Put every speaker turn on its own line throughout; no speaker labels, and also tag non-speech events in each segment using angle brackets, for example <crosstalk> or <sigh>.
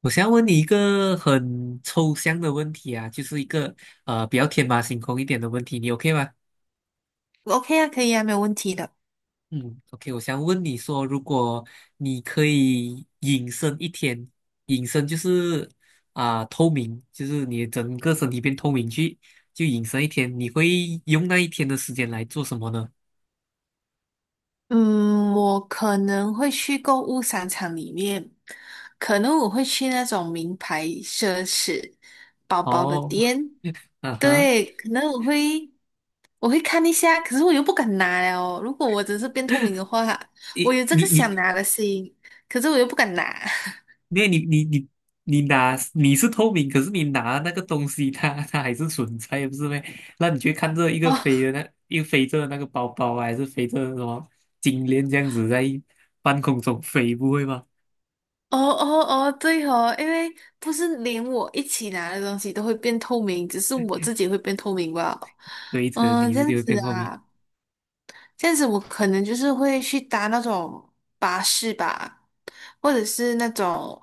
我想要问你一个很抽象的问题啊，就是一个比较天马行空一点的问题，你 OK 吗？
OK 啊，可以啊，没有问题的。
嗯，OK，我想问你说，如果你可以隐身一天，隐身就是透明，就是你整个身体变透明去，就隐身一天，你会用那一天的时间来做什么呢？
嗯，我可能会去购物商场里面，可能我会去那种名牌奢侈包包的
哦，
店，
<laughs> 啊哈，
对，可能我会看一下，可是我又不敢拿了哦。如果我只是变透明的话，
<laughs>
我
你
有这个
你你
想拿的心，可是我又不敢拿。
因为你是透明，可是你拿那个东西它还是存在，不是咩？那你去看这一
<laughs>
个飞
哦
的那一个飞着的那个包包啊还是飞着的什么金链这样子在半空中飞，不会吗？
哦哦哦，对哦，因为不是连我一起拿的东西都会变透明，只是我自己会变透明吧。
对着
嗯，
你
这
是
样
就会
子
变透明。
啊。这样子我可能就是会去搭那种巴士吧，或者是那种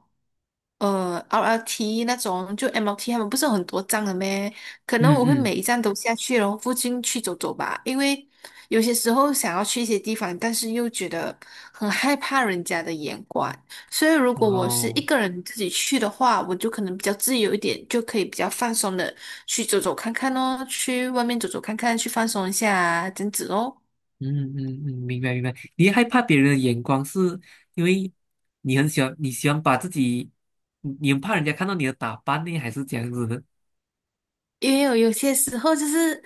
RLT 那种，就 MLT 他们不是有很多站的咩？可能我会
嗯
每一站都下去，然后附近去走走吧，因为有些时候想要去一些地方，但是又觉得很害怕人家的眼光，所以如
嗯，
果我是一
哦，
个人自己去的话，我就可能比较自由一点，就可以比较放松的去走走看看哦，去外面走走看看，去放松一下啊，这样子哦。
嗯嗯嗯，明白明白。你害怕别人的眼光，是因为你喜欢把自己，你很怕人家看到你的打扮呢，还是这样子的？
也有些时候就是，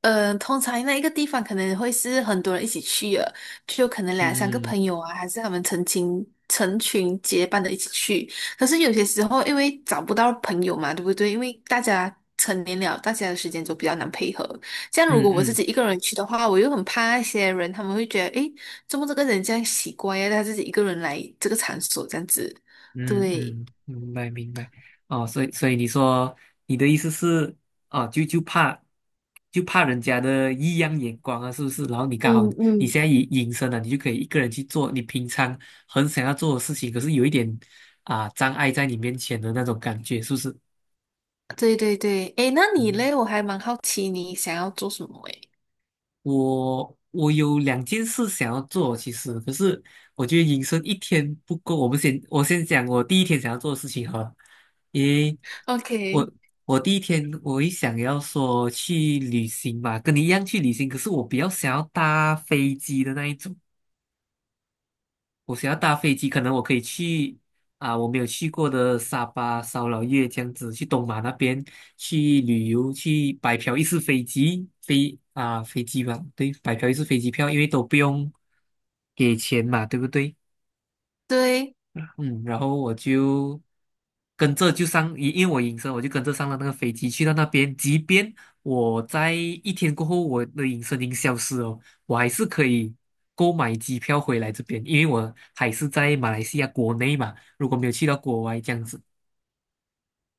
通常那一个地方可能会是很多人一起去的，就可能两三个
嗯
朋友啊，还是他们成群成群结伴的一起去。可是有些时候，因为找不到朋友嘛，对不对？因为大家成年了，大家的时间就比较难配合。像如
嗯
果我自
嗯。
己一个人去的话，我又很怕那些人，他们会觉得，诶，怎么这个人这样奇怪呀？他自己一个人来这个场所这样子，
嗯
对。
嗯，明白明白。哦，所以你的意思是，哦，就怕人家的异样眼光啊，是不是？然后你刚好
嗯
你
嗯，
现在隐身了，你就可以一个人去做你平常很想要做的事情，可是有一点障碍在你面前的那种感觉，是不是？
对对对，诶，那你
嗯。
嘞？我还蛮好奇你想要做什么诶。
我有两件事想要做，其实可是我觉得隐身一天不够。我先讲我第一天想要做的事情哈，因为
OK，
我我第一天我也想要说去旅行嘛，跟你一样去旅行，可是我比较想要搭飞机的那一种。我想要搭飞机，可能我可以去啊，我没有去过的沙巴、烧老越这样子，去东马那边去旅游，去白嫖一次飞机吧，对，白嫖一次飞机票，因为都不用给钱嘛，对不对？
对，
嗯，然后我就跟着就上，因为我隐身，我就跟着上了那个飞机去到那边。即便我在一天过后，我的隐身已经消失哦，我还是可以购买机票回来这边，因为我还是在马来西亚国内嘛。如果没有去到国外这样子，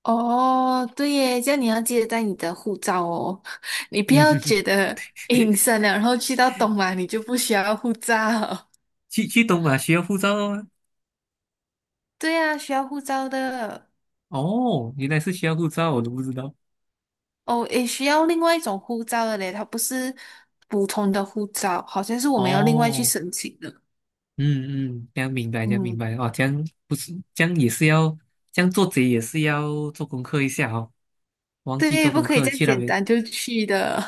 哦，对耶，这样你要记得带你的护照哦，<laughs> 你不
嗯，
要
<laughs>
觉得隐身了，然后去到东马你就不需要护照。
去东马需要护照哦。
<laughs> 对啊，需要护照的。
哦，原来是需要护照，我都不知道。
哦，也需要另外一种护照的嘞，它不是普通的护照，好像是我们要另外去
哦，
申请的。
嗯嗯，这样明白，这样明
嗯，
白哦，这样不是，这样也是要，这样做贼也是要做功课一下哦，忘记
对，
做
不
功
可以
课
这样
去那
简
边，
单就去的。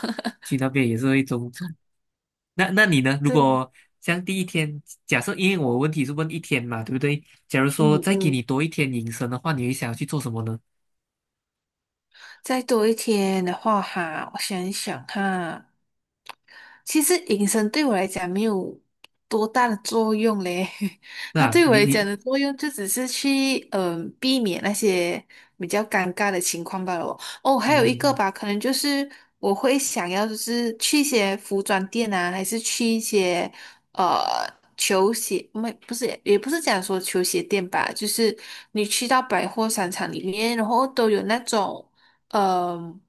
去那边也是会中。那你呢？
<laughs>
如
对，
果像第一天，假设因为我问题是问一天嘛，对不对？假如
嗯
说再给
嗯。
你多一天隐身的话，你会想要去做什么呢？
再多一天的话哈，我想一想哈，其实隐身对我来讲没有多大的作用嘞，<laughs> 它
那
对我
你
来讲
你
的作用就只是去避免那些比较尴尬的情况罢了哦。哦，还有一个
嗯
吧，可能就是我会想要就是去一些服装店啊，还是去一些呃。球鞋没不是也不是讲说球鞋店吧，就是你去到百货商场里面，然后都有那种。嗯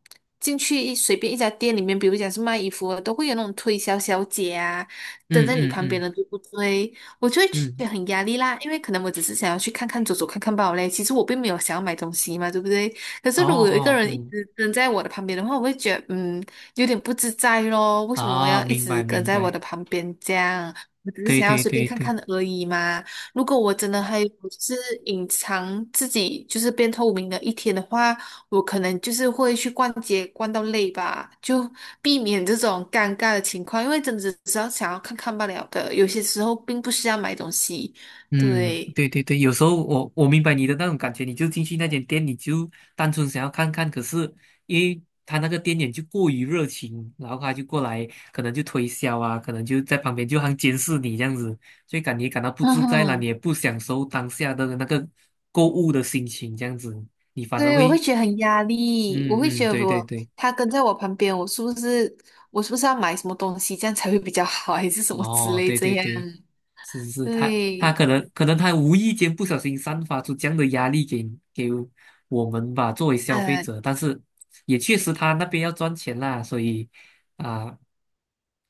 进去随便一家店里面，比如讲是卖衣服的，都会有那种推销小姐啊，蹲
嗯
在你
嗯嗯
旁边
嗯
的，对不对？我就会觉
嗯，
得
嗯
很压力啦，因为可能我只是想要去看看、走走看看罢了嘞。其实我并没有想要买东西嘛，对不对？可
哦
是如果有一个
哦
人一
嗯，
直跟在我的旁边的话，我会觉得有点不自在咯。为什么我
哦，
要一
明白
直跟
明
在我的
白，
旁边这样？我只是
对
想要
对
随便
对
看
对。
看而已嘛。如果我真的还有就是隐藏自己就是变透明的一天的话，我可能就是会去逛街逛到累吧，就避免这种尴尬的情况，因为真的只是要想要看看罢了的，有些时候并不是要买东西。
嗯，
对，
对对对，有时候我明白你的那种感觉，你就进去那间店，你就单纯想要看看，可是因为他那个店员就过于热情，然后他就过来，可能就推销啊，可能就在旁边就好像监视你这样子，所以感到不
嗯
自在啦，你
哼，
也不享受当下的那个购物的心情，这样子，你反而
对，我
会，
会觉得很压力，我会
嗯
觉
嗯，
得
对对
我
对，
他跟在我旁边，我是不是要买什么东西，这样才会比较好，还是什么之
哦，
类
对对
这样？
对。是是是，他
对，
可能他无意间不小心散发出这样的压力给给我们吧，作为消费
呃，
者，但是也确实他那边要赚钱啦，啊、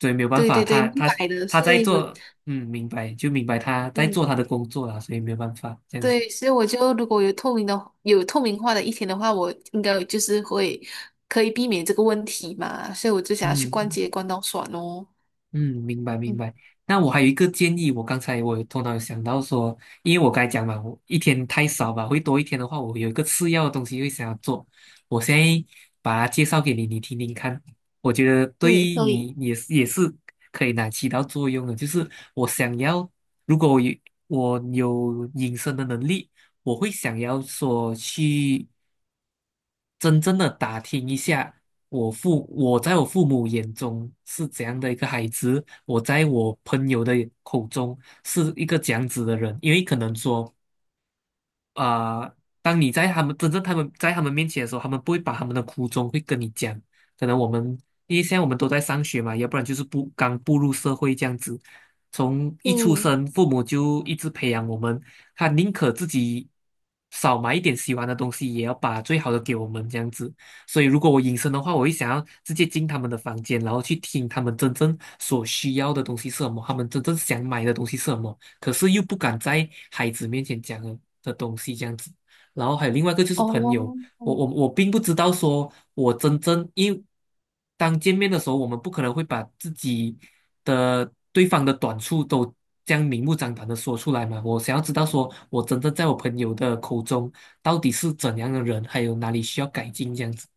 所以没有办
对
法，
对对，
他
明
他
白的，
他
所
在
以我。
做，嗯，明白就明白他在做
嗯。
他的工作啦，所以没有办法这样子，
对，所以我就如果有透明化的一天的话，我应该就是会可以避免这个问题嘛，所以我就想要去逛
嗯，
街逛到爽哦。
嗯，明白明
嗯，
白。那我还有一个建议，我刚才我有头脑有想到说，因为我刚才讲嘛，我一天太少吧，会多一天的话，我有一个次要的东西会想要做。我现在把它介绍给你，你听听看，我觉得
嗯，
对
可以，
你也是可以拿起到作用的。就是我想要，如果我有隐身的能力，我会想要说去。真正的打听一下，我在我父母眼中是怎样的一个孩子，我在我朋友的口中是一个怎样子的人，因为可能说啊、呃当你在他们真正他们在他们面前的时候，他们不会把他们的苦衷会跟你讲。可能我们因为现在我们都在上学嘛，要不然就是不刚步入社会这样子，从一出
嗯，
生父母就一直培养我们，他宁可自己少买一点喜欢的东西，也要把最好的给我们这样子。所以如果我隐身的话，我会想要直接进他们的房间，然后去听他们真正所需要的东西是什么，他们真正想买的东西是什么。可是又不敢在孩子面前讲的东西这样子。然后还有另外一个就是朋友，
哦，
我
嗯。
我我并不知道说我真正因为当见面的时候，我们不可能会把自己的对方的短处都这样明目张胆的说出来嘛。我想要知道说我真正在我朋友的口中到底是怎样的人，还有哪里需要改进这样子。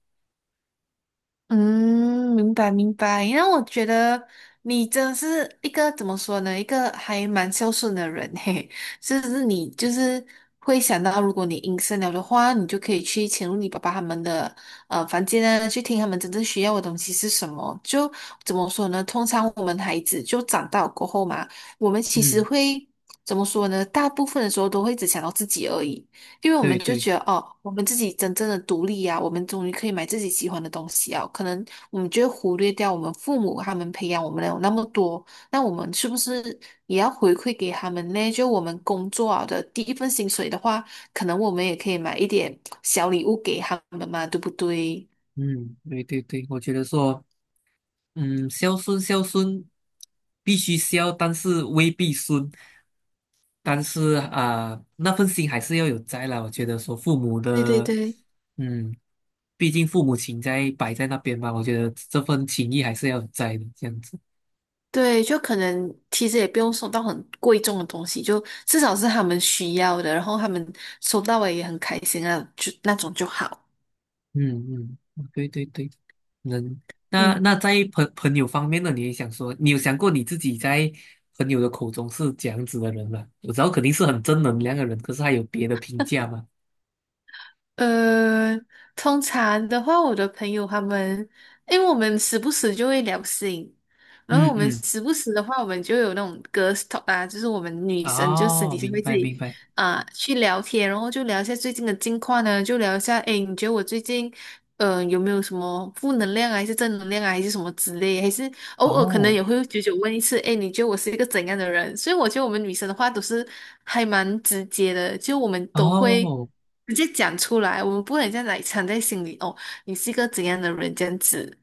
嗯，明白明白。因为我觉得你真的是一个怎么说呢？一个还蛮孝顺的人嘿。是不是你就是会想到，如果你隐身了的话，你就可以去潜入你爸爸他们的房间啊，去听他们真正需要的东西是什么。就怎么说呢？通常我们孩子就长大过后嘛，我们其实
嗯，
会怎么说呢？大部分的时候都会只想到自己而已。因为我们
对
就
对，
觉得哦，我们自己真正的独立呀、我们终于可以买自己喜欢的东西啊。可能我们就会忽略掉我们父母他们培养我们的有那么多，那我们是不是也要回馈给他们呢？就我们工作啊的第一份薪水的话，可能我们也可以买一点小礼物给他们嘛，对不对？
嗯，对对对，我觉得说。嗯，孝顺孝顺，必须孝，但是未必顺。但是那份心还是要有在啦。我觉得说父母
对对
的，
对
嗯，毕竟父母情在摆在那边嘛，我觉得这份情谊还是要有在的，这样子。
对，就可能其实也不用送到很贵重的东西，就至少是他们需要的，然后他们收到了也很开心啊，就那种就好。
嗯嗯，对对对，能。那
嗯。
在朋友方面呢，你也想说，你有想过你自己在朋友的口中是怎样子的人吗？我知道肯定是很正能量的人，可是还有别的评价吗？
呃，通常的话，我的朋友他们，因为我们时不时就会聊性，然后
嗯
我们
嗯。
时不时的话，我们就有那种 GIRST 啊，就是我们女生就私
哦，
底下
明
会自
白明
己
白，
啊、去聊天，然后就聊一下最近的近况呢，就聊一下，诶，你觉得我最近有没有什么负能量啊，还是正能量啊，还是什么之类，还是偶尔可能
哦
也会久久问一次，哎，你觉得我是一个怎样的人？所以我觉得我们女生的话都是还蛮直接的，就我们都会
哦
直接讲出来，我们不会这样来藏在心里哦，你是一个怎样的人这样子，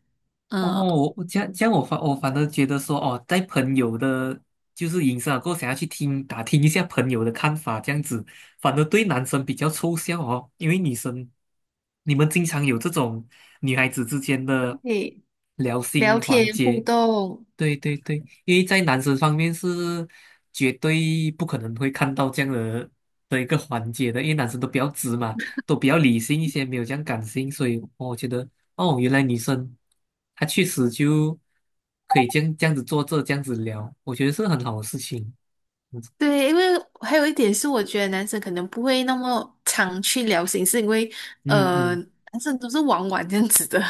哦，
嗯，
我这样我反而觉得说，哦，在朋友的，就是影响过后想要去打听一下朋友的看法，这样子，反而对男生比较抽象哦，因为女生你们经常有这种女孩子之间的
对，
聊
聊
心环
天互
节，
动，
对对对，因为在男生方面是绝对不可能会看到这样的一个环节的，因为男生都比较直嘛，都比较理性一些，没有这样感性，所以我觉得哦，原来女生她确实就可以这样子这样子聊，我觉得是很好的事情。
对，因为还有一点是，我觉得男生可能不会那么常去聊心事，因为
嗯嗯，
男生都是玩玩这样子的，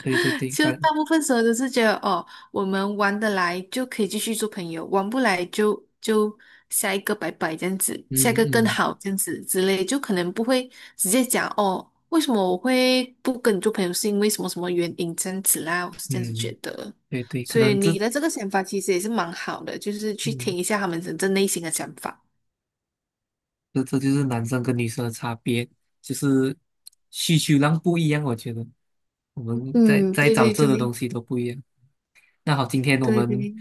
对对 对，
就大部分时候都是觉得哦，我们玩得来就可以继续做朋友，玩不来就下一个拜拜这样子，下一
嗯
个更
嗯
好这样子之类，就可能不会直接讲哦，为什么我会不跟你做朋友，是因为什么什么原因这样子啦，我是这样子觉
嗯，
得。
对对，可
所以
能这嗯。
你的这个想法其实也是蛮好的，就是去
嗯
听一下他们真正内心的想法。
这就是男生跟女生的差别，就是需求量不一样。我觉得我们在
嗯，
在
对
找
对
这的东
对
西都不一样。那好，今天我
对
们
对，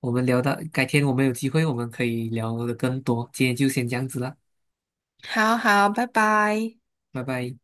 我们聊到，改天我们有机会我们可以聊的更多。今天就先这样子了，
好好，拜拜。
拜拜。